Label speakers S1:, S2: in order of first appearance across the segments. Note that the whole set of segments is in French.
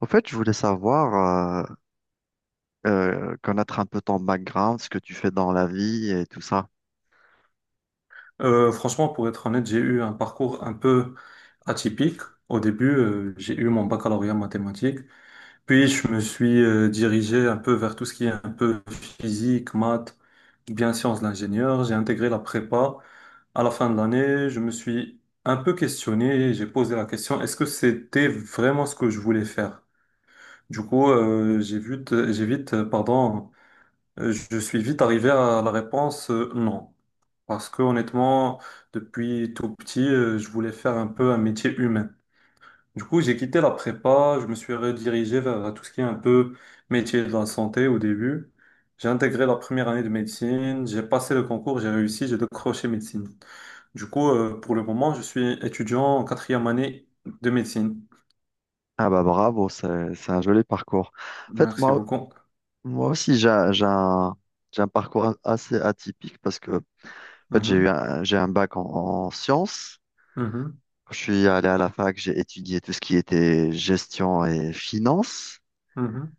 S1: Au fait, je voulais savoir, connaître un peu ton background, ce que tu fais dans la vie et tout ça.
S2: Franchement, pour être honnête, j'ai eu un parcours un peu atypique. Au début, j'ai eu mon baccalauréat en mathématiques, puis je me suis dirigé un peu vers tout ce qui est un peu physique, maths, bien sciences de l'ingénieur. J'ai intégré la prépa. À la fin de l'année, je me suis un peu questionné, j'ai posé la question, est-ce que c'était vraiment ce que je voulais faire? Du coup, je suis vite arrivé à la réponse non. Parce que honnêtement, depuis tout petit, je voulais faire un peu un métier humain. Du coup, j'ai quitté la prépa, je me suis redirigé vers tout ce qui est un peu métier de la santé au début. J'ai intégré la première année de médecine, j'ai passé le concours, j'ai réussi, j'ai décroché médecine. Du coup, pour le moment, je suis étudiant en quatrième année de médecine.
S1: Ah bah bravo, c'est un joli parcours. En fait,
S2: Merci
S1: moi,
S2: beaucoup.
S1: moi aussi, j'ai un j'ai un parcours assez atypique parce que en fait,
S2: Mhm,
S1: j'ai un bac en, en sciences.
S2: mhm,
S1: Quand je suis allé à la fac, j'ai étudié tout ce qui était gestion et finance.
S2: mhm,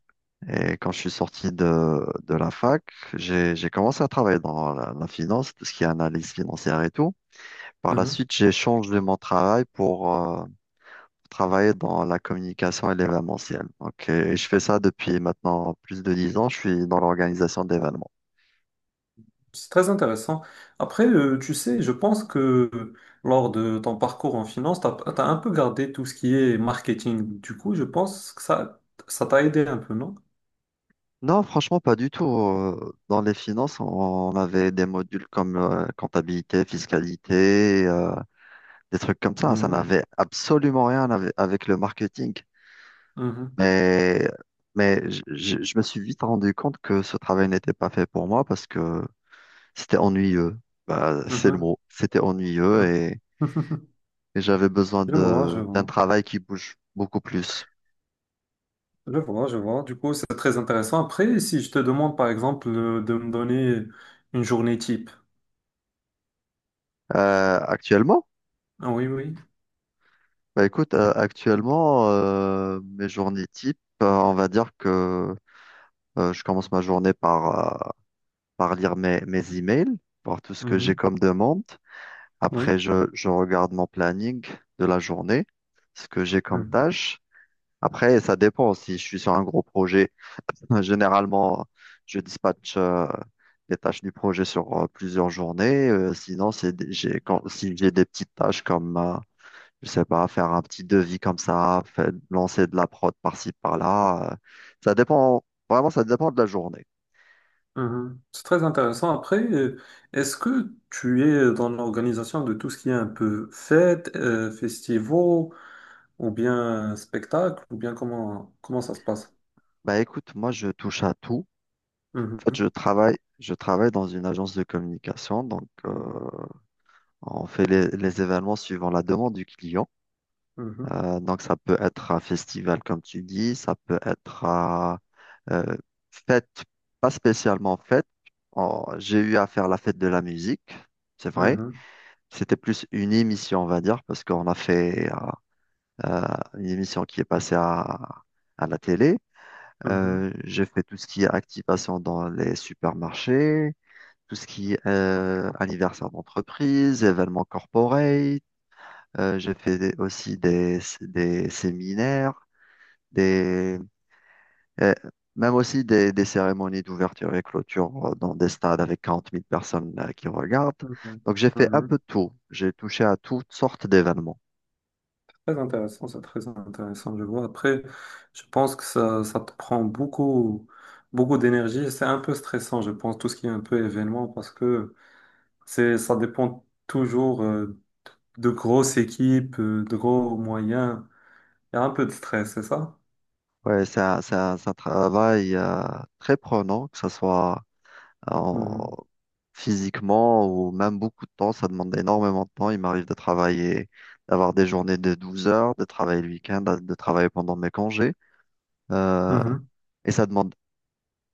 S1: Et quand je suis sorti de la fac, j'ai commencé à travailler dans la, la finance, tout ce qui est analyse financière et tout. Par la
S2: mhm.
S1: suite, j'ai changé mon travail pour travailler dans la communication et l'événementiel. Donc, et je fais ça depuis maintenant plus de 10 ans. Je suis dans l'organisation d'événements.
S2: C'est très intéressant. Après, tu sais, je pense que lors de ton parcours en finance, tu as, un peu gardé tout ce qui est marketing. Du coup, je pense que ça t'a aidé un peu, non?
S1: Non, franchement, pas du tout. Dans les finances, on avait des modules comme comptabilité, fiscalité, des trucs comme ça. Ça
S2: Mhm,
S1: n'avait absolument rien avec avec le marketing.
S2: mhm,
S1: Mais, je me suis vite rendu compte que ce travail n'était pas fait pour moi parce que c'était ennuyeux. Bah, c'est le
S2: mhm,
S1: mot. C'était ennuyeux
S2: mhm.
S1: et j'avais besoin
S2: Je vois, je
S1: de, d'un
S2: vois.
S1: travail qui bouge beaucoup plus.
S2: Je vois, je vois. Du coup, c'est très intéressant. Après, si je te demande, par exemple, de me donner une journée type.
S1: Euh, actuellement,
S2: Ah oui, oui.
S1: bah écoute, actuellement, mes journées type, on va dire que je commence ma journée par, par lire mes, mes emails, voir tout ce que j'ai
S2: Mhm.
S1: comme demande. Après,
S2: Oui.
S1: je regarde mon planning de la journée, ce que j'ai comme
S2: Mhm.
S1: tâche. Après, ça dépend. Si je suis sur un gros projet, généralement, je dispatche les tâches du projet sur plusieurs journées. Sinon, j'ai, quand, si j'ai des petites tâches comme, je sais pas, faire un petit devis comme ça, lancer de la prod par-ci, par-là. Ça dépend, vraiment, ça dépend de la journée.
S2: Mhm. C'est très intéressant. Après, est-ce que tu es dans l'organisation de tout ce qui est un peu fête, festivals, ou bien spectacle, ou bien comment ça se passe?
S1: Bah écoute, moi, je touche à tout. En fait,
S2: Mhm.
S1: je travaille dans une agence de communication. Donc, on fait les événements suivant la demande du client.
S2: Mhm.
S1: Donc, ça peut être un festival, comme tu dis, ça peut être un, euh, fête, pas spécialement fête. J'ai eu à faire la fête de la musique, c'est vrai.
S2: Mhm.
S1: C'était plus une émission, on va dire, parce qu'on a fait euh, une émission qui est passée à la télé.
S2: Mhm.
S1: J'ai fait tout ce qui est activation dans les supermarchés, tout ce qui est anniversaire d'entreprise, événements corporate. J'ai fait des- aussi des séminaires des, euh, même aussi des cérémonies d'ouverture et clôture dans des stades avec 40 000 personnes qui regardent.
S2: Mhm.
S1: Donc j'ai fait un peu
S2: Mhm.
S1: de tout. J'ai touché à toutes sortes d'événements.
S2: C'est très intéressant, c'est très intéressant, je vois. Après, je pense que ça te prend beaucoup, beaucoup d'énergie. C'est un peu stressant, je pense, tout ce qui est un peu événement, parce que ça dépend toujours de grosses équipes, de gros moyens. Il y a un peu de stress, c'est ça?
S1: Ouais, c'est un travail très prenant, que ce soit euh, en-
S2: Mhm.
S1: physiquement ou même beaucoup de temps. Ça demande énormément de temps. Il m'arrive de travailler, d'avoir des journées de 12 heures, de travailler le week-end, de travailler pendant mes congés. Euh,
S2: Mhm.
S1: et ça demande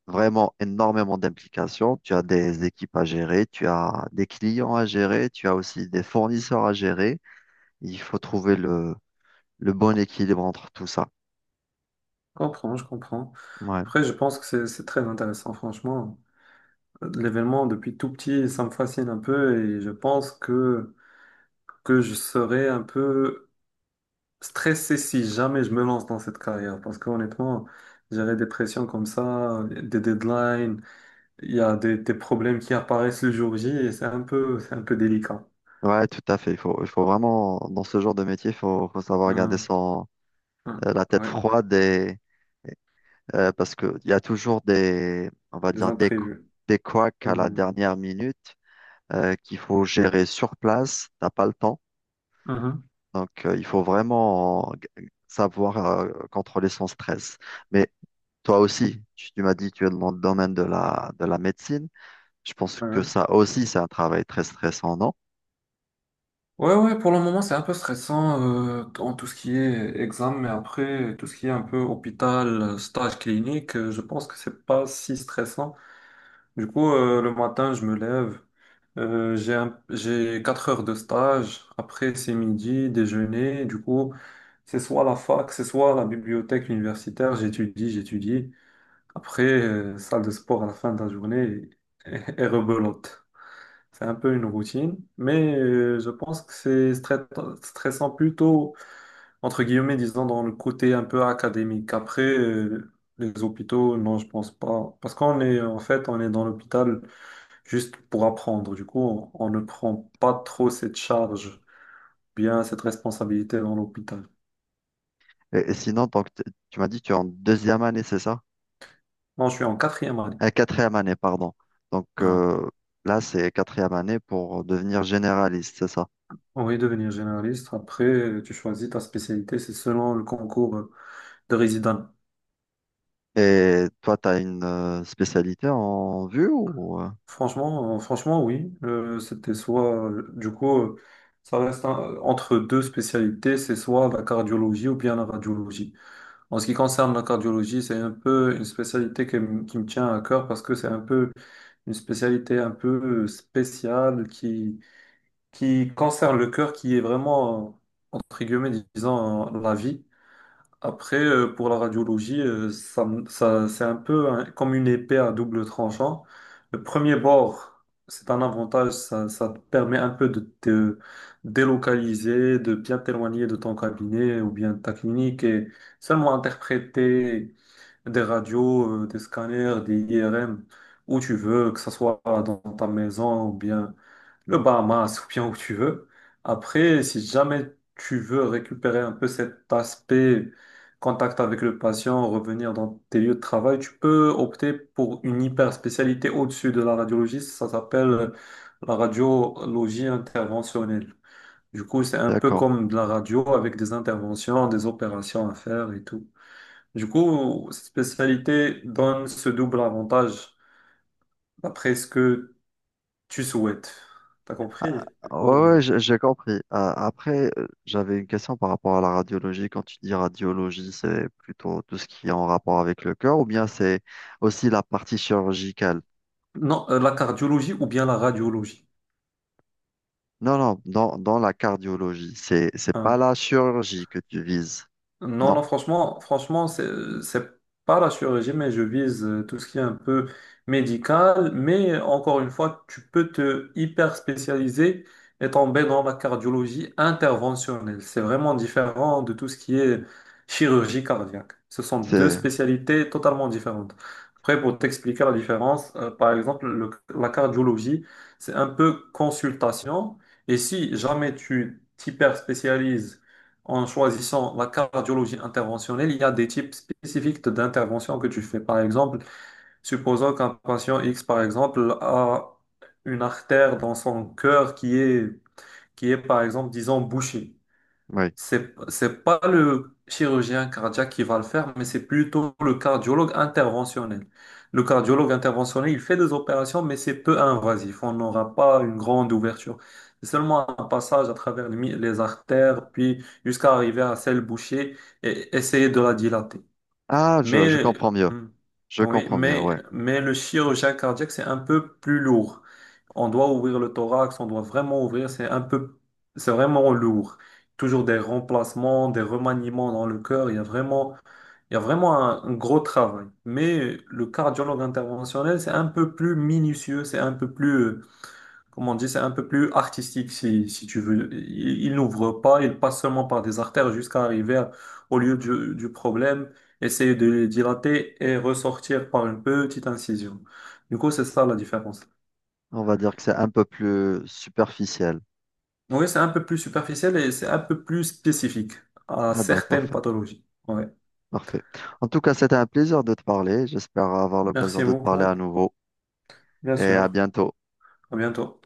S1: vraiment énormément d'implications. Tu as des équipes à gérer, tu as des clients à gérer, tu as aussi des fournisseurs à gérer. Il faut trouver le bon équilibre entre tout ça.
S2: Je comprends, je comprends.
S1: Ouais,
S2: Après, je pense que c'est très intéressant, franchement. L'événement, depuis tout petit, ça me fascine un peu et je pense que je serais un peu stressé si jamais je me lance dans cette carrière. Parce qu'honnêtement, gérer des pressions comme ça, des deadlines, il y a des problèmes qui apparaissent le jour J et c'est un peu délicat.
S1: ouais, tout à fait. Il faut vraiment, dans ce genre de métier, il faut, faut savoir garder
S2: Mhm.
S1: son,
S2: Mhm.
S1: la tête
S2: Ouais,
S1: froide et, parce qu'il y a toujours des, on va
S2: des
S1: dire,
S2: imprévus.
S1: des couacs à la
S2: Mhm.
S1: dernière minute qu'il faut gérer sur place. T'as pas le temps.
S2: Mhm.
S1: Donc, il faut vraiment savoir contrôler son stress. Mais toi aussi, tu m'as dit que tu es dans le domaine de la médecine. Je pense que
S2: Ouais,
S1: ça aussi, c'est un travail très stressant, non?
S2: ouais, ouais, pour le moment, c'est un peu stressant en tout ce qui est examen, mais après, tout ce qui est un peu hôpital, stage clinique, je pense que c'est pas si stressant. Du coup, le matin, je me lève, j'ai 4 heures de stage, après, c'est midi, déjeuner, du coup, c'est soit la fac, c'est soit la bibliothèque universitaire, j'étudie, j'étudie, après, salle de sport à la fin de la journée et, et rebelote. C'est un peu une routine, mais je pense que c'est stressant plutôt, entre guillemets, disons, dans le côté un peu académique. Après, les hôpitaux, non, je pense pas. Parce qu'on est, en fait, on est dans l'hôpital juste pour apprendre. Du coup, on ne prend pas trop cette charge, bien cette responsabilité dans l'hôpital.
S1: Et sinon, donc, tu m'as dit que tu es en 2e année, c'est ça?
S2: Non, je suis en quatrième année.
S1: 4e année, pardon. Donc,
S2: Ah ouais.
S1: là, c'est 4e année pour devenir généraliste, c'est ça?
S2: Oui, devenir généraliste. Après, tu choisis ta spécialité, c'est selon le concours de résident.
S1: Et toi, tu as une spécialité en vue ou...
S2: Franchement, oui. C'était soit, du coup, entre deux spécialités, c'est soit la cardiologie ou bien la radiologie. En ce qui concerne la cardiologie, c'est un peu une spécialité qui me tient à cœur parce que c'est un peu une spécialité un peu spéciale qui concerne le cœur, qui est vraiment, entre guillemets, disons, la vie. Après, pour la radiologie, c'est un peu hein, comme une épée à double tranchant. Le premier bord, c'est un avantage, ça te permet un peu de te délocaliser, de bien t'éloigner de ton cabinet ou bien de ta clinique et seulement interpréter des radios, des scanners, des IRM où tu veux, que ce soit dans ta maison ou bien le Bahamas ou bien où tu veux. Après, si jamais tu veux récupérer un peu cet aspect contact avec le patient, revenir dans tes lieux de travail, tu peux opter pour une hyper spécialité au-dessus de la radiologie. Ça s'appelle la radiologie interventionnelle. Du coup, c'est un peu
S1: d'accord.
S2: comme de la radio avec des interventions, des opérations à faire et tout. Du coup, cette spécialité donne ce double avantage d'après ce que tu souhaites. T'as compris?
S1: Ah,
S2: Du
S1: ouais,
S2: coup.
S1: ouais, j'ai compris. Ah, après, j'avais une question par rapport à la radiologie. Quand tu dis radiologie, c'est plutôt tout ce qui est en rapport avec le cœur ou bien c'est aussi la partie chirurgicale?
S2: Non, la cardiologie ou bien la radiologie.
S1: Non, non, dans, dans la cardiologie, c'est pas
S2: Hein.
S1: la chirurgie que tu vises.
S2: Non,
S1: Non,
S2: non, franchement, franchement, c'est pas la chirurgie, mais je vise tout ce qui est un peu médical. Mais encore une fois, tu peux te hyper spécialiser et tomber dans la cardiologie interventionnelle. C'est vraiment différent de tout ce qui est chirurgie cardiaque. Ce sont deux
S1: c'est,
S2: spécialités totalement différentes. Après, pour t'expliquer la différence, par exemple, la cardiologie, c'est un peu consultation. Et si jamais tu t'hyper spécialises en choisissant la cardiologie interventionnelle, il y a des types spécifiques d'intervention que tu fais. Par exemple, supposons qu'un patient X, par exemple, a une artère dans son cœur qui est, par exemple, disons, bouchée.
S1: oui.
S2: C'est pas le chirurgien cardiaque qui va le faire, mais c'est plutôt le cardiologue interventionnel. Le cardiologue interventionnel, il fait des opérations, mais c'est peu invasif. On n'aura pas une grande ouverture. C'est seulement un passage à travers les artères, puis jusqu'à arriver à celle bouchée et essayer de la dilater.
S1: Ah, je
S2: Mais,
S1: comprends mieux.
S2: hmm,
S1: Je
S2: oui,
S1: comprends mieux,
S2: mais,
S1: ouais.
S2: mais le chirurgien cardiaque, c'est un peu plus lourd. On doit ouvrir le thorax, on doit vraiment ouvrir, c'est vraiment lourd. Toujours des remplacements, des remaniements dans le cœur, il y a vraiment un gros travail. Mais le cardiologue interventionnel, c'est un peu plus minutieux, c'est un peu plus, comment on dit, c'est un peu plus artistique si tu veux. Il n'ouvre pas, il passe seulement par des artères jusqu'à arriver au lieu du problème, essayer de le dilater et ressortir par une petite incision. Du coup, c'est ça la différence.
S1: On va dire que c'est un peu plus superficiel.
S2: Oui, c'est un peu plus superficiel et c'est un peu plus spécifique à
S1: Ah ben,
S2: certaines
S1: parfait,
S2: pathologies. Ouais.
S1: parfait. En tout cas, c'était un plaisir de te parler. J'espère avoir l'occasion
S2: Merci
S1: de te parler
S2: beaucoup.
S1: à nouveau
S2: Bien
S1: et à
S2: sûr.
S1: bientôt.
S2: À bientôt.